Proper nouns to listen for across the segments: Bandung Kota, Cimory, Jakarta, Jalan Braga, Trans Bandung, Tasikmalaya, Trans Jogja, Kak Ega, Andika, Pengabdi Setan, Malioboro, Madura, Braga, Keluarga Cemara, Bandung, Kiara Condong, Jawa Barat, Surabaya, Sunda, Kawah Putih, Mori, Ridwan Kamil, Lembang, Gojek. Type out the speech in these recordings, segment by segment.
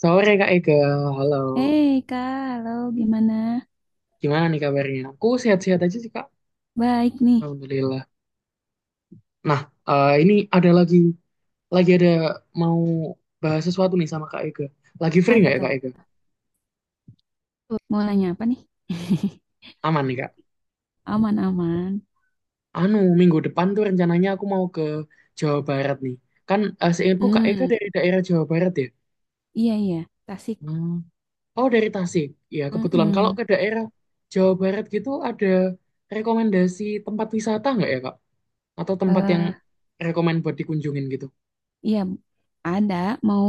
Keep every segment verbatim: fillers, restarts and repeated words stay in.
Sore Kak Ega, halo. Hei Kak, halo gimana? Gimana nih kabarnya? Aku sehat-sehat aja sih Kak, Baik nih. Alhamdulillah. Nah, eh, ini ada lagi, lagi ada mau bahas sesuatu nih sama Kak Ega. Lagi free Apa nggak ya tuh? Kak Ega? Mau nanya apa nih? Aman nih Kak. Aman-aman. Anu, minggu depan tuh rencananya aku mau ke Jawa Barat nih. Kan eh, seingatku Kak Ega Hmm, dari daerah Jawa Barat ya? iya iya. Tasik. Hmm. Oh, dari Tasik. Ya, kebetulan kalau Mm-mm. ke daerah Jawa Barat gitu ada rekomendasi tempat wisata nggak ya Kak? Atau tempat yang Eh, rekomend buat dikunjungin gitu? iya ada. Mau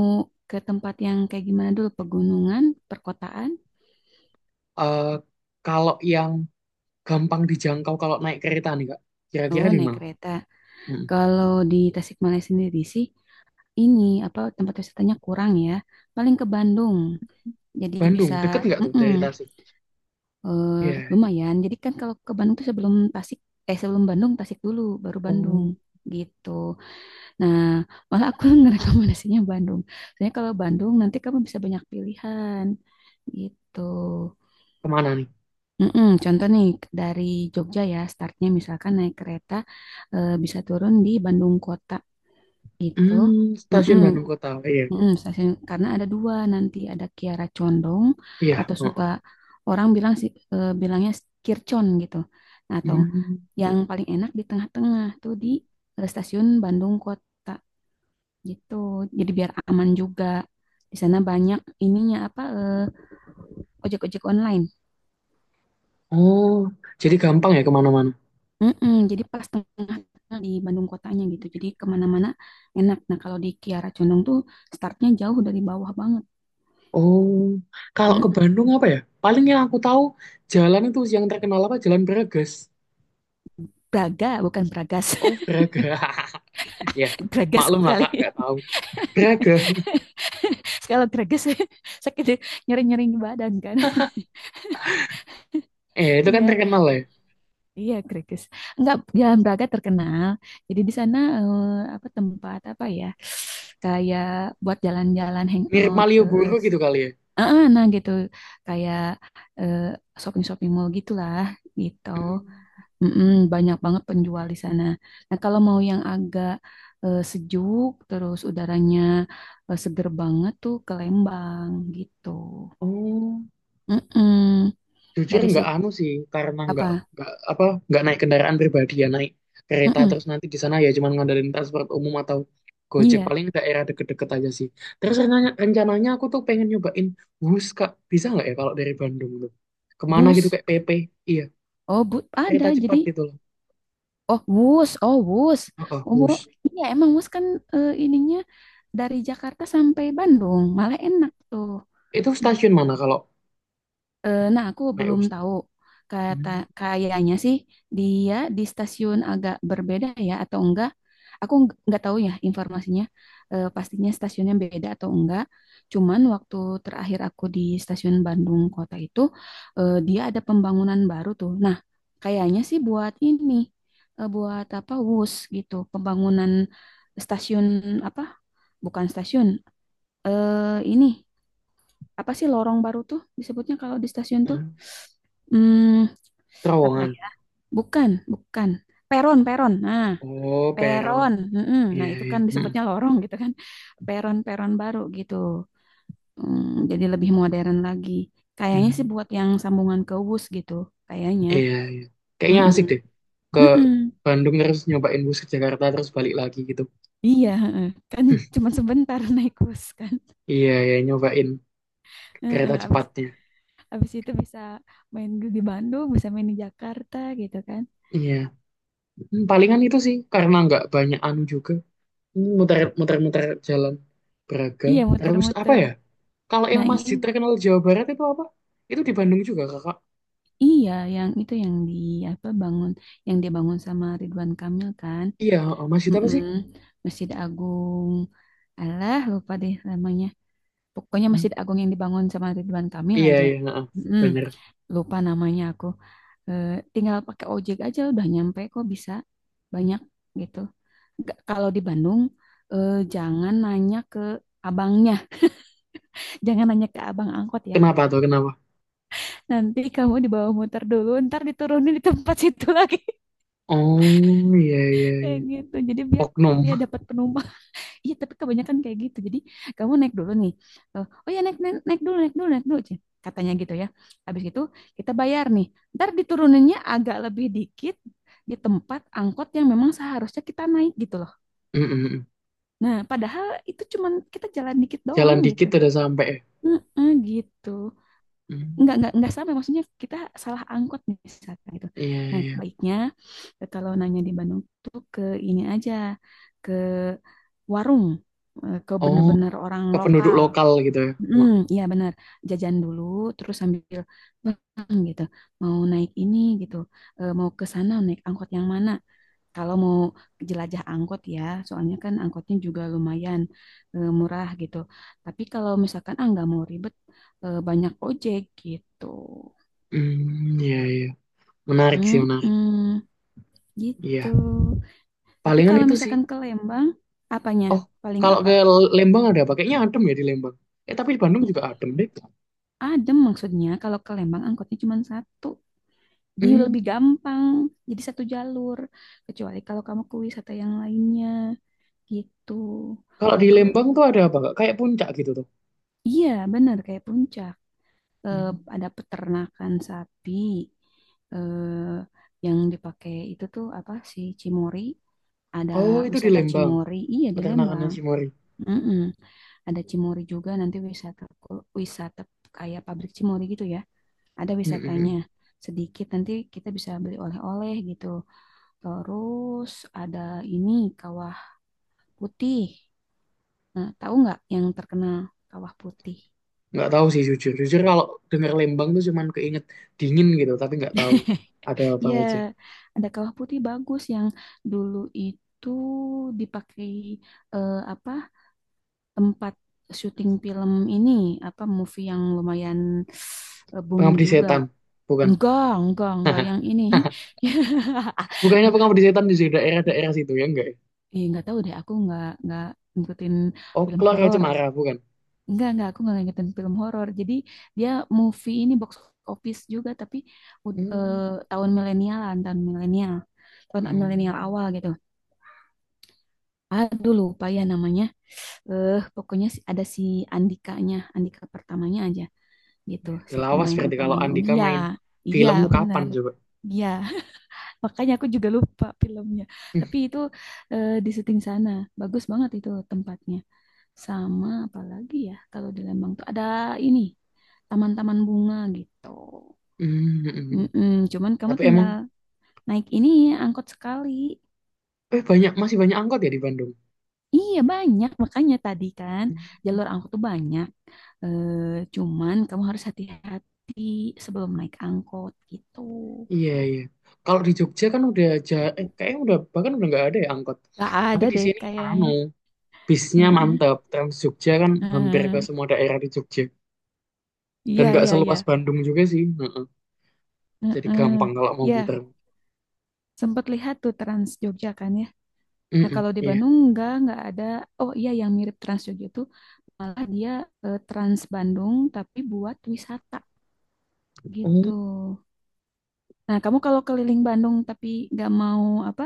ke tempat yang kayak gimana dulu? Pegunungan, perkotaan? Eh, kalau yang gampang dijangkau kalau naik kereta nih Kak, Oh kira-kira di naik mana? kereta. Mm. Kalau di Tasikmalaya sendiri sih, ini apa tempat wisatanya kurang ya. Paling ke Bandung. Jadi Bandung, bisa. deket nggak tuh Mm-mm. dari Tasik? eh, Iya. lumayan. Jadi kan kalau ke Bandung tuh sebelum Tasik, eh sebelum Bandung Tasik dulu, baru Bandung Oh, gitu. Nah, malah aku ngerekomendasinya Bandung. Soalnya kalau Bandung nanti kamu bisa banyak pilihan gitu. kemana nih? Mm-mm, contoh nih dari Jogja ya, startnya misalkan naik kereta eh, bisa turun di Bandung kota gitu. Hmm, Mm-mm. stasiun Bandung Kota. Iya, Mm, stasiun karena ada dua nanti ada Kiara Condong iya, atau heeh. suka orang bilang sih eh, bilangnya Kircon gitu. Nah, atau Hmm. yang paling enak di tengah-tengah tuh di eh, stasiun Bandung Kota gitu. Jadi biar aman juga. Di sana banyak ininya apa eh, ojek-ojek online. Oh, jadi gampang ya kemana-mana. Mm-mm, jadi pas tengah-tengah di Bandung kotanya gitu. Jadi kemana-mana enak. Nah kalau di Kiara Condong tuh startnya jauh dari bawah banget. Oh, kalau ke Mm-mm. Bandung apa ya? Paling yang aku tahu jalan itu yang terkenal apa? Jalan Bragas. Braga bukan Bragas, Oh, Braga. Ya, Bragas maklum lah Kak, sekali. nggak tahu. Braga. Kalau greges sakit, nyeri nyeri di badan kan. Eh, itu kan Iya terkenal ya. iya, greges. Enggak, Jalan Braga terkenal, jadi di sana eh, apa tempat apa ya, kayak buat jalan-jalan, Mirip hangout Malioboro gitu eh, kali ya. ah, ah, nah gitu, kayak eh, shopping-shopping mall gitulah, gitu. Hmm. Mm-mm, banyak banget penjual di sana. Nah kalau mau yang agak eh, sejuk terus udaranya eh, seger banget tuh ke Lembang gitu. Oh, Mm-mm. jujur Dari nggak situ. anu sih, karena nggak Apa? nggak apa nggak naik kendaraan pribadi ya naik kereta Mm-mm. terus nanti di sana ya cuman ngandelin transport umum atau Gojek Iya, paling daerah deket-deket aja sih. Terus rencananya, rencananya aku tuh pengen nyobain bus kak, bisa nggak ya kalau dari Bandung tuh kemana gitu bus. kayak P P, iya Oh, bu kereta ada. cepat Jadi, gitu loh. oh, bus. Oh, bus. Oh, Oh, bu. bus Iya, emang bus kan eh, ininya dari Jakarta sampai Bandung. Malah enak tuh. itu Iya. stasiun mana kalau Eh, nah, aku naik belum bus tuh? tahu. Kata Hmm. kayaknya sih dia di stasiun agak berbeda ya atau enggak. Aku ng- nggak tahu ya informasinya. Eh, pastinya stasiunnya beda atau enggak. Cuman waktu terakhir aku di stasiun Bandung Kota itu eh, dia ada pembangunan baru tuh. Nah, kayaknya sih buat ini eh, buat apa wus gitu, pembangunan stasiun apa? Bukan stasiun. Eh ini apa sih lorong baru tuh disebutnya kalau di stasiun tuh? Hmm, apa Terowongan. ya? Bukan, bukan. Peron, peron. Nah, Oh, peron. peron. Mm-mm. Iya, Nah, itu iya. kan disebutnya lorong gitu kan. Peron-peron baru gitu. Hmm, jadi lebih modern lagi. Kayaknya sih Mm. buat yang sambungan ke wus gitu. Kayaknya. Iya, iya. Kayaknya asik deh. Mm-mm. Ke Mm-mm. Bandung terus nyobain bus ke Jakarta terus balik lagi gitu. Iya, heeh. Kan cuma sebentar naik bus kan. Iya, ya nyobain Heeh, kereta abis cepatnya. habis itu bisa main di Bandung, bisa main di Jakarta gitu kan. Iya. Hmm, palingan itu sih karena nggak banyak anu juga. Hmm, muter muter muter jalan Braga. Iya, Terus apa muter-muter. ya? Kalau yang Nah, masjid i- terkenal Jawa Barat itu apa? Itu di Bandung juga, Kakak. iya yang itu, yang di apa bangun, yang dia bangun sama Ridwan Kamil kan. Iya, oh, masjid apa sih? Mm-mm. Masjid Agung. Alah, lupa deh namanya. Pokoknya Hmm. Masjid Agung yang dibangun sama Ridwan Kamil Iya, aja. iya, heeh. Mm-mm. Bener. Lupa namanya aku. Eh, Tinggal pakai ojek aja udah nyampe kok, bisa banyak gitu. Nggak- kalau di Bandung eh, jangan nanya ke abangnya, jangan nanya ke abang angkot ya. Kenapa tuh? Kenapa? Nanti kamu dibawa muter dulu, ntar diturunin di tempat situ lagi. Oh, iya, iya, Kayak iya. gitu jadi biar Oknum. dia dapat penumpang. Iya tapi kebanyakan kayak gitu, jadi kamu naik dulu nih. Eh, oh ya naik, naik naik dulu naik dulu naik dulu Cen. Katanya gitu ya, habis itu kita bayar nih, ntar dituruninnya agak lebih dikit di tempat angkot yang memang seharusnya kita naik gitu loh. Mm, mm, mm. Nah padahal itu cuman kita jalan dikit doang Jalan gitu. dikit udah sampai, ya. Mm-mm, gitu. Hmm. Nggak nggak nggak sama maksudnya, kita salah angkot misalkan gitu. Iya, Nah iya. baiknya eh, kalau nanya di Bandung tuh ke ini aja, ke warung eh, ke Oh, bener-bener orang ke penduduk lokal. lokal gitu ya. Hmm, Hmm, iya benar. Jajan dulu, terus sambil "Bang," gitu. Mau naik ini gitu. Eh, mau ke sana naik angkot yang mana? Kalau mau jelajah angkot ya, soalnya kan angkotnya juga lumayan eh, murah gitu. Tapi kalau misalkan ah nggak mau ribet, eh, banyak ojek gitu. hmm, iya, iya. Menarik sih, menarik. Mm-mm, gitu. Iya. Tapi Palingan kalau itu sih. misalkan ke Lembang, apanya? Oh, Paling kalau apa? ke Lembang ada apa? Kayaknya adem ya di Lembang. Eh, tapi di Bandung juga adem deh. Adem maksudnya. Kalau ke Lembang angkotnya cuma satu. Dia lebih Hmm, gampang, jadi satu jalur. Kecuali kalau kamu ke wisata yang lainnya gitu. kalau Kalau di ke. Lembang tuh ada apa, Kak? Kayak puncak gitu tuh. Iya, benar kayak puncak. eh, Hmm. ada peternakan sapi eh, yang dipakai itu tuh apa sih Cimory, ada Oh, itu di wisata Lembang. Cimory, iya di Peternakannya Lembang. si Mori. Mm-mm. Ada Cimory juga, nanti wisata kul- wisata kayak pabrik Cimory gitu ya, ada Hmm, hmm, wisatanya hmm. sedikit, nanti kita bisa beli oleh-oleh gitu. Terus ada ini Kawah Putih. Nah, tahu nggak yang terkenal Kawah Putih? Nggak tahu sih jujur. Jujur kalau dengar Lembang tuh cuman keinget dingin gitu. Tapi nggak tahu ada apa Iya, aja. ada kawah putih bagus yang dulu itu dipakai eh, apa tempat syuting film ini, apa movie yang lumayan eh, boom Pengabdi juga. setan. Bukan. Enggak, enggak, enggak yang ini. Bukannya pengabdi setan di daerah-daerah situ ya enggak? Ya, Ih, nggak tahu deh, aku nggak nggak ngikutin Oh, film keluarga horor. Cemara, bukan? Enggak, enggak, aku nggak ngikutin film horor. Jadi dia movie ini box office juga, tapi ud- eh, Hmm, tahun milenialan, tahun milenial, tahun milenial hmm. awal gitu. Aduh lupa ya namanya. Eh pokoknya si- ada si Andikanya, Andika pertamanya aja gitu, si Udah lawas pemain berarti kalau utamanya. Oh Andika iya, main iya film tuh kapan benar. coba? Iya, makanya aku juga lupa filmnya. Hmm. Tapi itu eh, di syuting sana. Bagus banget itu tempatnya. Sama apalagi ya kalau di Lembang tuh ada ini, taman-taman bunga gitu. Hmm, hmm, hmm, hmm. Mm-mm, cuman kamu Tapi emang tinggal naik ini angkot sekali. eh banyak, masih banyak angkot ya di Bandung. Iya banyak, makanya tadi kan Hmm. jalur angkot tuh banyak. Eh, Cuman kamu harus hati-hati sebelum naik angkot gitu. Iya, iya. Kalau di Jogja kan udah aja eh kayaknya udah bahkan udah nggak ada ya angkot. Gak Tapi ada di deh sini anu, kayaknya. bisnya Heeh. mantap. Trans Jogja kan hampir ke Heeh. semua daerah di Jogja dan Iya, nggak iya, iya. seluas Bandung juga sih. Heeh. Jadi Heeh. gampang kalau mau Ya, muter. sempat lihat tuh Trans Jogja kan ya. Nah, Mm-mm, kalau di iya. Bandung enggak, enggak ada. Oh iya, yang mirip Trans Jogja tuh malah dia eh, Trans Bandung, tapi buat wisata gitu. Oh, Nah, kamu kalau keliling Bandung tapi nggak mau apa,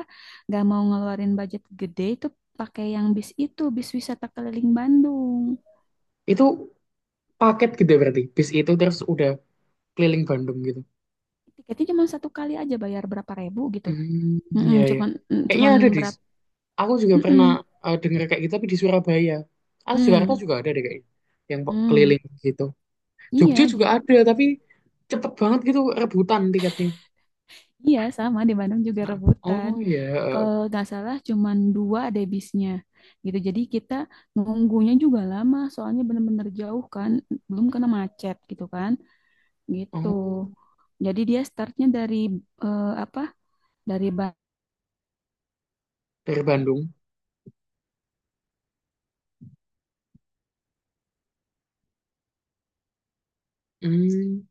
nggak mau ngeluarin budget gede, itu pakai yang bis itu, bis wisata keliling Bandung. itu paket gede berarti. Bis itu terus udah keliling Bandung gitu. Tiketnya cuma satu kali aja bayar berapa ribu gitu. Hmm, Mm-mm, iya ya. cuman mm, Kayaknya cuman ada di. berapa? Aku juga Mm-mm, pernah eh, dengar kayak gitu tapi di Surabaya. Ah, Jakarta mm, juga ada deh kayaknya yang po- mm. keliling gitu. Iya, Jogja juga jadi ada tapi cepet banget gitu rebutan tiketnya. iya, sama di Bandung juga Nah, rebutan. oh ya, Kalau nggak salah cuman dua deh bisnya gitu. Jadi kita nunggunya juga lama, soalnya bener-bener jauh kan, belum kena macet gitu kan. Gitu. oh Jadi dia startnya dari eh, apa? Dari ba- dari Bandung. Hmm,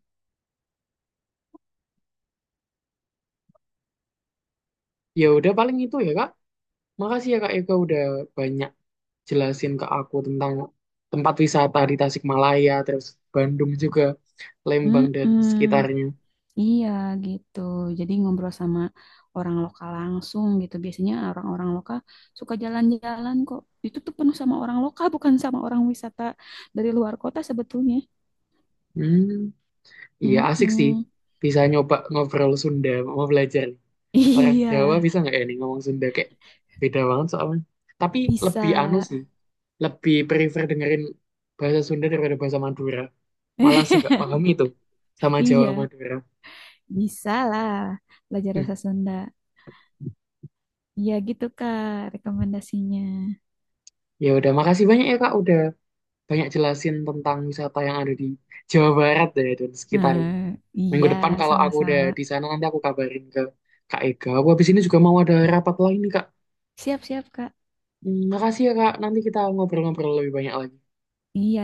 ya udah paling itu ya Kak. Makasih ya Kak Eka udah banyak jelasin ke aku tentang tempat wisata di Tasikmalaya, terus Bandung juga, Lembang dan Mm-mm. sekitarnya. Iya gitu. Jadi ngobrol sama orang lokal langsung gitu. Biasanya orang-orang lokal suka jalan-jalan kok. Itu tuh penuh sama orang lokal, bukan sama orang wisata dari luar kota sebetulnya. Hmm. Iya asik sih. Mm-mm. Bisa nyoba ngobrol Sunda, mau belajar. Orang Iya, Jawa bisa nggak ya nih ngomong Sunda kayak beda banget soalnya. Tapi bisa. lebih anu sih, lebih prefer dengerin bahasa Sunda daripada bahasa Madura. Malah saya nggak paham itu sama Jawa Iya, Madura. bisa lah belajar Hmm. bahasa Sunda. Iya gitu Kak, rekomendasinya. Ya udah, makasih banyak ya Kak udah banyak jelasin tentang wisata yang ada di Jawa Barat ya dan sekitarnya. Nah, Minggu iya, depan kalau aku udah sama-sama. di sana nanti aku kabarin ke Kak Ega. Aku habis ini juga mau ada rapat lain nih Kak. Siap-siap, Kak. Hmm, makasih ya Kak, nanti kita ngobrol-ngobrol lebih banyak lagi. Iya.